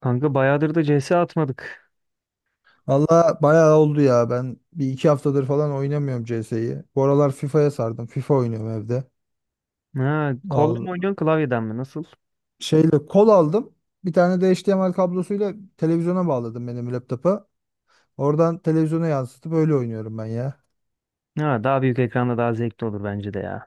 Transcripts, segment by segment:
Kanka bayağıdır da CS atmadık. Valla bayağı oldu ya. Ben bir iki haftadır falan oynamıyorum CS'yi. Bu aralar FIFA'ya sardım. FIFA oynuyorum evde. Ha, kolla mı al oynuyorsun klavyeden mi? Nasıl? şeyle kol aldım. Bir tane de HDMI kablosuyla televizyona bağladım benim laptopa. Oradan televizyona yansıtıp öyle oynuyorum ben ya. Ha, daha büyük ekranda daha zevkli olur bence de ya.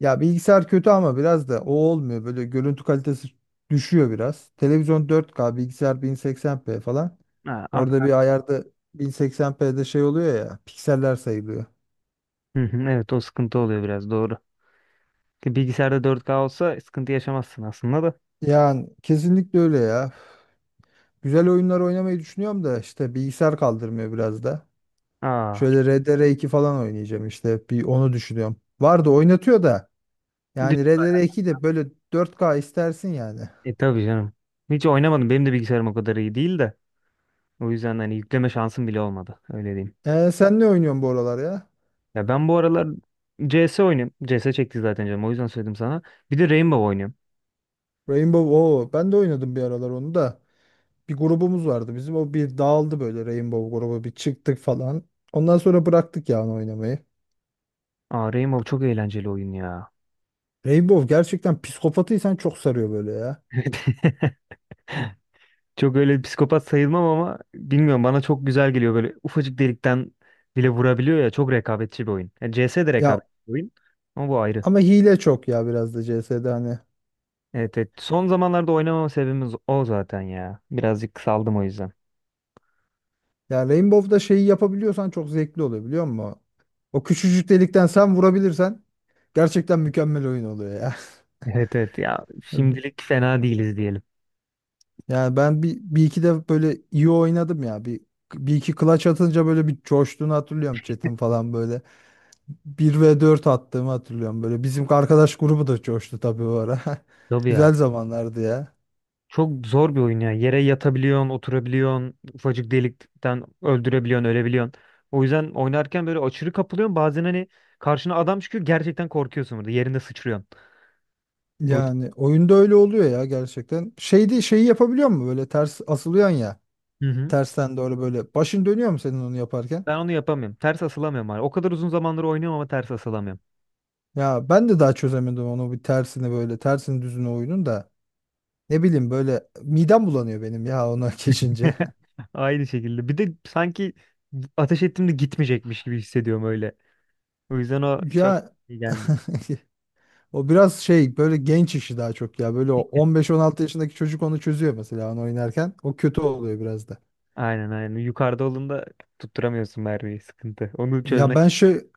Ya bilgisayar kötü ama biraz da o olmuyor. Böyle görüntü kalitesi düşüyor biraz. Televizyon 4K, bilgisayar 1080p falan. Ha, Orada ak- bir ayarda 1080p'de şey oluyor ya, pikseller sayılıyor. Hı hı, evet o sıkıntı oluyor biraz doğru. Ki bilgisayarda 4K olsa sıkıntı yaşamazsın aslında da. Yani kesinlikle öyle ya. Güzel oyunlar oynamayı düşünüyorum da işte bilgisayar kaldırmıyor biraz da. Aa, Şöyle RDR2 falan oynayacağım işte bir onu düşünüyorum. Vardı oynatıyor da yani düşün bayağı. RDR2 de böyle 4K istersin yani. E tabii canım. Hiç oynamadım. Benim de bilgisayarım o kadar iyi değil de. O yüzden hani yükleme şansım bile olmadı, öyle diyeyim. Sen ne oynuyorsun bu aralar ya? Ya ben bu aralar CS oynuyorum. CS çekti zaten canım, o yüzden söyledim sana. Bir de Rainbow oynuyorum. Rainbow o ben de oynadım bir aralar onu da. Bir grubumuz vardı bizim o bir dağıldı böyle Rainbow grubu bir çıktık falan. Ondan sonra bıraktık yani oynamayı. Aa, Rainbow çok eğlenceli oyun ya. Rainbow gerçekten psikopatıysan çok sarıyor böyle ya. Evet. Çok öyle bir psikopat sayılmam ama bilmiyorum, bana çok güzel geliyor, böyle ufacık delikten bile vurabiliyor ya. Çok rekabetçi bir oyun. Yani CS de Ya rekabetçi bir oyun ama bu ayrı. ama hile çok ya biraz da CS'de hani. Evet, evet. Son zamanlarda oynamama sebebimiz o zaten ya. Birazcık saldım o yüzden. Ya Rainbow'da şeyi yapabiliyorsan çok zevkli oluyor biliyor musun? O küçücük delikten sen vurabilirsen gerçekten mükemmel oyun oluyor ya. Evet evet ya, şimdilik fena değiliz diyelim. Yani ben bir iki de böyle iyi oynadım ya. Bir iki clutch atınca böyle bir coştuğunu hatırlıyorum chat'in falan böyle. Bir ve 4 attığımı hatırlıyorum böyle. Bizim arkadaş grubu da coştu tabii o ara. Tabii ya. Güzel zamanlardı ya. Çok zor bir oyun ya. Yere yatabiliyorsun, oturabiliyorsun, ufacık delikten öldürebiliyorsun, ölebiliyorsun. O yüzden oynarken böyle aşırı kapılıyorsun. Bazen hani karşına adam çıkıyor, gerçekten korkuyorsun burada. Yerinde sıçrıyorsun. O yüzden. Yani oyunda öyle oluyor ya gerçekten. Şeydi şeyi yapabiliyor mu böyle ters asılıyorsun ya. Hı hı. Tersten doğru böyle. Başın dönüyor mu senin onu yaparken? Ben onu yapamıyorum. Ters asılamıyorum abi. O kadar uzun zamandır oynuyorum ama ters asılamıyorum. Ya ben de daha çözemedim onu bir tersini böyle tersini düzünü oyunun da ne bileyim böyle midem bulanıyor benim ya ona geçince. Aynı şekilde. Bir de sanki ateş ettiğimde gitmeyecekmiş gibi hissediyorum öyle. O yüzden o çok Ya iyi gelmiyor. o biraz şey böyle genç işi daha çok ya böyle o 15-16 yaşındaki çocuk onu çözüyor mesela onu oynarken o kötü oluyor biraz da. Aynen aynen. Yukarıda olduğunda tutturamıyorsun mermiyi. Sıkıntı. Onu Ya çözmek. ben şey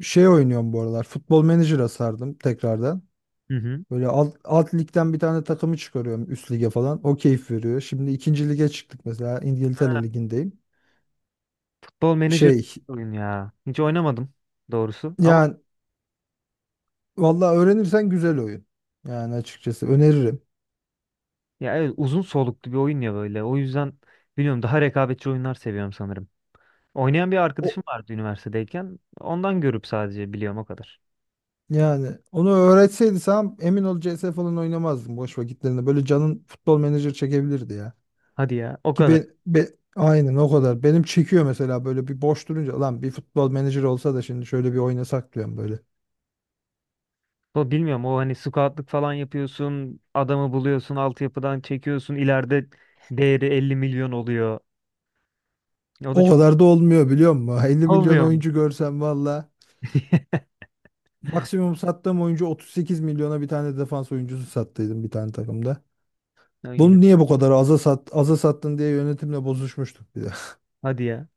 şey oynuyorum bu aralar futbol menajer'a sardım tekrardan. Hı hı. Böyle alt ligden bir tane takımı çıkarıyorum üst lige falan o keyif veriyor. Şimdi ikinci lige çıktık mesela İngiltere Ha, ligindeyim. Futbol Manager Şey oyun ya. Hiç oynamadım doğrusu. Ama Yani vallahi öğrenirsen güzel oyun. Yani açıkçası öneririm. ya evet, uzun soluklu bir oyun ya böyle. O yüzden bilmiyorum, daha rekabetçi oyunlar seviyorum sanırım. Oynayan bir O arkadaşım vardı üniversitedeyken. Ondan görüp sadece biliyorum, o kadar. yani onu öğretseydi sen emin ol CS falan oynamazdım boş vakitlerinde. Böyle canın futbol menajer çekebilirdi ya. Hadi ya, o kadar. Aynen o kadar. Benim çekiyor mesela böyle bir boş durunca lan bir futbol menajer olsa da şimdi şöyle bir oynasak diyorum böyle. O bilmiyorum, o hani scoutlık falan yapıyorsun, adamı buluyorsun, altyapıdan çekiyorsun, ileride değeri 50 milyon oluyor. O da O çok kadar da olmuyor biliyor musun? 50 milyon olmuyor mu? oyuncu görsem valla. Maksimum sattığım oyuncu 38 milyona bir tane defans oyuncusu sattıydım bir tane takımda. Ya yine. Bunu niye bu kadar aza sattın diye yönetimle bozuşmuştuk bir de. Hadi ya.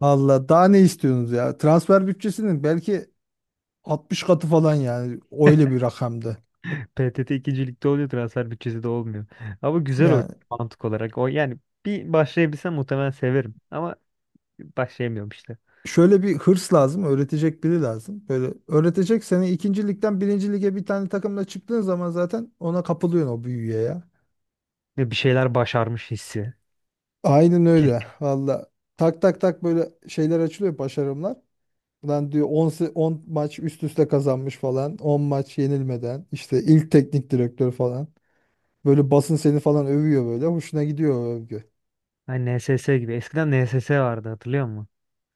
Valla daha ne istiyorsunuz ya? Transfer bütçesinin belki 60 katı falan yani öyle bir rakamdı. PTT ikincilikte oluyor, transfer bütçesi de olmuyor. Ama güzel oyun Yani mantık olarak. O yani bir başlayabilsem muhtemelen severim. Ama başlayamıyorum işte. şöyle bir hırs lazım, öğretecek biri lazım. Böyle öğretecek seni ikinci ligden birinci lige bir tane takımla çıktığın zaman zaten ona kapılıyorsun o büyüye ya. Ve bir şeyler başarmış hissi. Aynen öyle valla. Tak tak tak böyle şeyler açılıyor başarımlar. Lan diyor 10 maç üst üste kazanmış falan. On maç yenilmeden, işte ilk teknik direktör falan. Böyle basın seni falan övüyor böyle. Hoşuna gidiyor o övgü. Hani NSS gibi. Eskiden NSS vardı, hatırlıyor musun?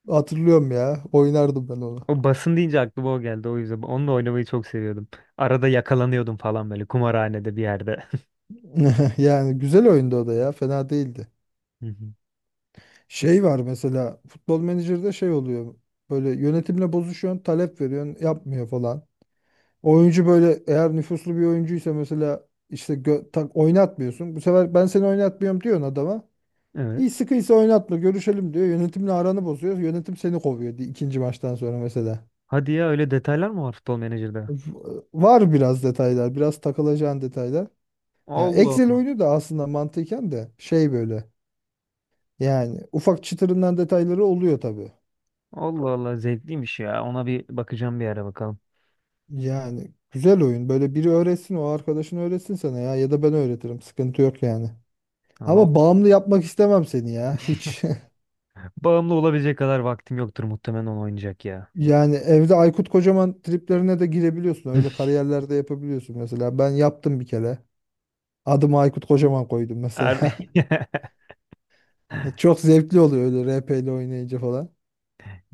Hatırlıyorum ya. Oynardım ben onu. O, basın deyince aklıma o geldi, o yüzden. Onunla oynamayı çok seviyordum. Arada yakalanıyordum falan böyle, kumarhanede bir yerde. Yani güzel oyundu o da ya. Fena değildi. Hı hı. Şey var mesela futbol menajerde şey oluyor. Böyle yönetimle bozuşuyorsun, talep veriyorsun, yapmıyor falan. Oyuncu böyle eğer nüfuslu bir oyuncuysa mesela işte tak, oynatmıyorsun. Bu sefer ben seni oynatmıyorum diyorsun adama. İyi Evet. sıkıysa oynatma, görüşelim diyor. Yönetimle aranı bozuyor. Yönetim seni kovuyor ikinci maçtan sonra mesela. Hadi ya, öyle detaylar mı var Futbol Manager'da? Var biraz detaylar, biraz takılacağın detaylar. Ya Allah Excel Allah. oyunu da aslında mantıken de şey böyle yani ufak çıtırından detayları oluyor tabii. Allah Allah, zevkliymiş ya. Ona bir bakacağım bir ara, bakalım. Yani güzel oyun. Böyle biri öğretsin o arkadaşın öğretsin sana ya ya da ben öğretirim. Sıkıntı yok yani. Allah Ama o- bağımlı yapmak istemem seni ya. Hiç. bağımlı olabilecek kadar vaktim yoktur muhtemelen onu oynayacak ya. Yani evde Aykut Kocaman triplerine de girebiliyorsun. Öyle kariyerlerde yapabiliyorsun mesela. Ben yaptım bir kere. Adımı Aykut Kocaman koydum mesela. Er- Çok zevkli oluyor öyle RP ile oynayınca falan.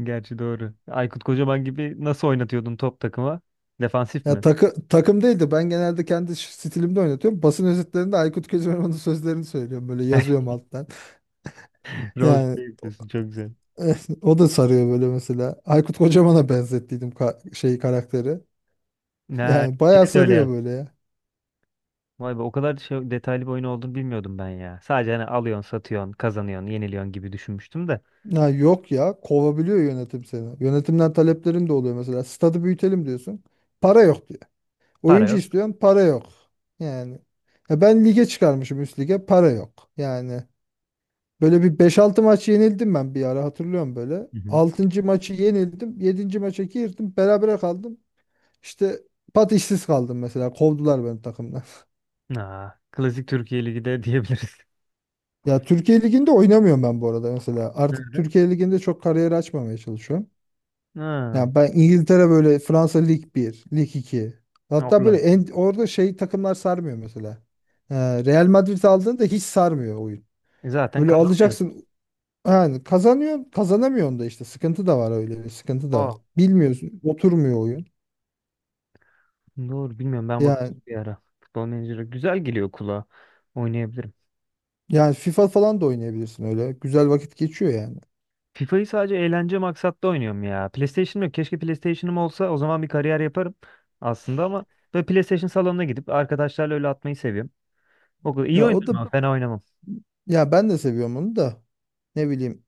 Gerçi doğru. Aykut Kocaman gibi nasıl oynatıyordun top takıma? Defansif Ya mi? Takım değil de ben genelde kendi stilimde oynatıyorum. Basın özetlerinde Aykut Kocaman'ın sözlerini söylüyorum. Böyle yazıyorum alttan. Rol Yani play o yapıyorsun, çok güzel. o da sarıyor böyle mesela. Aykut Kocaman'a benzettiydim şey karakteri. Ne, Yani şey bayağı de sarıyor öyle böyle ya. Vay be, o kadar şey, detaylı bir oyun olduğunu bilmiyordum ben ya. Sadece hani alıyorsun, satıyorsun, kazanıyorsun, yeniliyorsun gibi düşünmüştüm de. Ya yok ya kovabiliyor yönetim seni. Yönetimden taleplerin de oluyor mesela. Stadı büyütelim diyorsun. Para yok diyor. Para Oyuncu yok. istiyorsun para yok. Yani ya ben lige çıkarmışım üst lige para yok. Yani böyle bir beş altı maç yenildim ben bir ara hatırlıyorum böyle. Hı hı. Altıncı maçı yenildim, yedinci maça girdim. Berabere kaldım. İşte pat işsiz kaldım mesela. Kovdular beni takımdan. Aa, klasik Türkiye Ligi de diyebiliriz. Ya Türkiye Ligi'nde oynamıyorum ben bu arada mesela. Artık Nerede? Türkiye Ligi'nde çok kariyer açmamaya çalışıyorum. Ha, Yani ben İngiltere böyle Fransa Lig bir Lig iki. Hatta böyle Orlan'da. Orada şey takımlar sarmıyor mesela. Ee, Real Madrid aldığında hiç sarmıyor oyun. E zaten Böyle kazanıyor. alacaksın. Yani kazanıyor, kazanamıyorsun da işte sıkıntı da var öyle bir sıkıntı da Aa, var. Bilmiyorsun, oturmuyor oyun. doğru bilmiyorum, ben bakacağım Yani bir ara. Futbol menajeri güzel geliyor kulağa. Oynayabilirim. yani FIFA falan da oynayabilirsin öyle. Güzel vakit geçiyor yani. FIFA'yı sadece eğlence maksatlı oynuyorum ya. PlayStation'ım yok. Keşke PlayStation'ım olsa, o zaman bir kariyer yaparım aslında, ama böyle PlayStation salonuna gidip arkadaşlarla öyle atmayı seviyorum. O kadar iyi Ya o da oynarım ama fena oynamam. ya ben de seviyorum onu da. Ne bileyim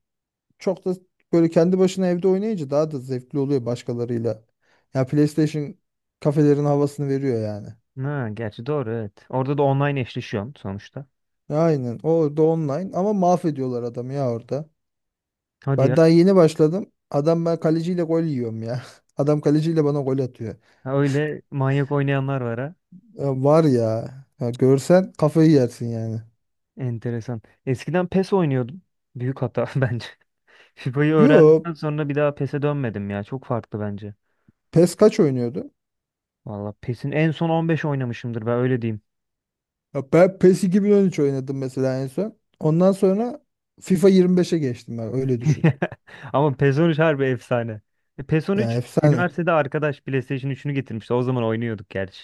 çok da böyle kendi başına evde oynayınca daha da zevkli oluyor başkalarıyla. Ya PlayStation kafelerin havasını veriyor yani. Ha, gerçi doğru, evet. Orada da online eşleşiyorsun sonuçta. Aynen. Orada online ama mahvediyorlar adamı ya orada. Hadi Ben ya. daha yeni başladım. Adam ben kaleciyle gol yiyorum ya. Adam kaleciyle bana gol atıyor. Ha, öyle manyak oynayanlar var ha. Ya var ya. Ya görsen kafayı yersin yani. Enteresan. Eskiden PES oynuyordum. Büyük hata bence. FIFA'yı Yo, öğrendikten sonra bir daha PES'e dönmedim ya. Çok farklı bence. PES kaç oynuyordu? Valla PES'in en son 15 oynamışımdır ben, öyle diyeyim. Ya ben PES 2013 oynadım mesela en son. Ondan sonra FIFA 25'e geçtim ben öyle düşün. Ama PES 13 harbi efsane. E, PES on Yani üç efsane. üniversitede arkadaş PlayStation üçünü getirmişti. O zaman oynuyorduk gerçi.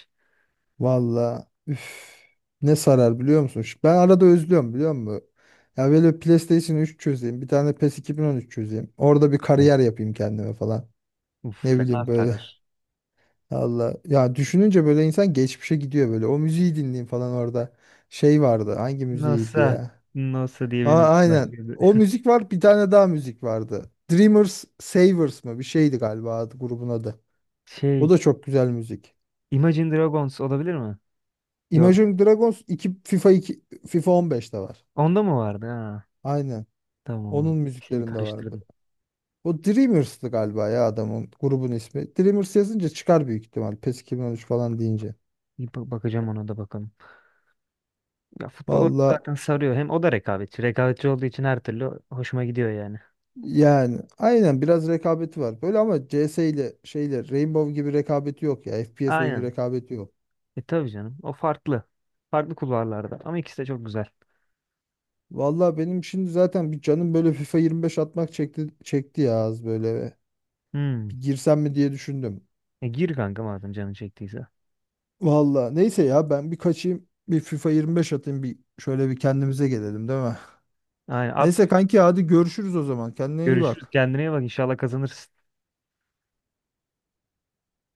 Valla üf, ne sarar biliyor musun? Ben arada özlüyorum biliyor musun? Ya böyle PlayStation 3 çözeyim. Bir tane PES 2013 çözeyim. Orada bir Ay. kariyer yapayım kendime falan. Uf, Ne fena bileyim sarar. böyle. Allah. Ya düşününce böyle insan geçmişe gidiyor böyle. O müziği dinleyeyim falan orada. Şey vardı. Hangi müziğiydi Nasıl? ya? Nasıl diye bir Aa, müzik aynen. başladı. O müzik var. Bir tane daha müzik vardı. Dreamers Savers mı? Bir şeydi galiba adı, grubun adı. O Şey, da çok güzel müzik. Imagine Dragons olabilir mi? Yok. Imagine Dragons 2 FIFA 2 FIFA 15'te var. Onda mı vardı? Ha, Aynen. tamam o zaman. Onun Şimdi müziklerinde vardı. karıştırdım. O Dreamers'tı galiba ya adamın grubun ismi. Dreamers yazınca çıkar büyük ihtimal. PES 2013 falan deyince. Bir bakacağım ona da, bakalım. Ya futbol oyunu Valla. zaten sarıyor. Hem o da rekabetçi. Rekabetçi olduğu için her türlü hoşuma gidiyor yani. Yani aynen biraz rekabeti var. Böyle ama CS ile şeyle Rainbow gibi rekabeti yok ya. FPS oyunu Aynen. rekabeti yok. E tabii canım. O farklı. Farklı kulvarlarda. Ama ikisi de çok güzel. Vallahi benim şimdi zaten bir canım böyle FIFA 25 atmak çekti çekti ya az böyle. Hmm. Bir girsem mi diye düşündüm. E gir kanka, madem canın çektiyse. Vallahi neyse ya ben bir kaçayım. Bir FIFA 25 atayım bir şöyle bir kendimize gelelim değil mi? Aynen at. Neyse kanki hadi görüşürüz o zaman. Kendine iyi Görüşürüz. bak. Kendine iyi bak. İnşallah kazanırsın.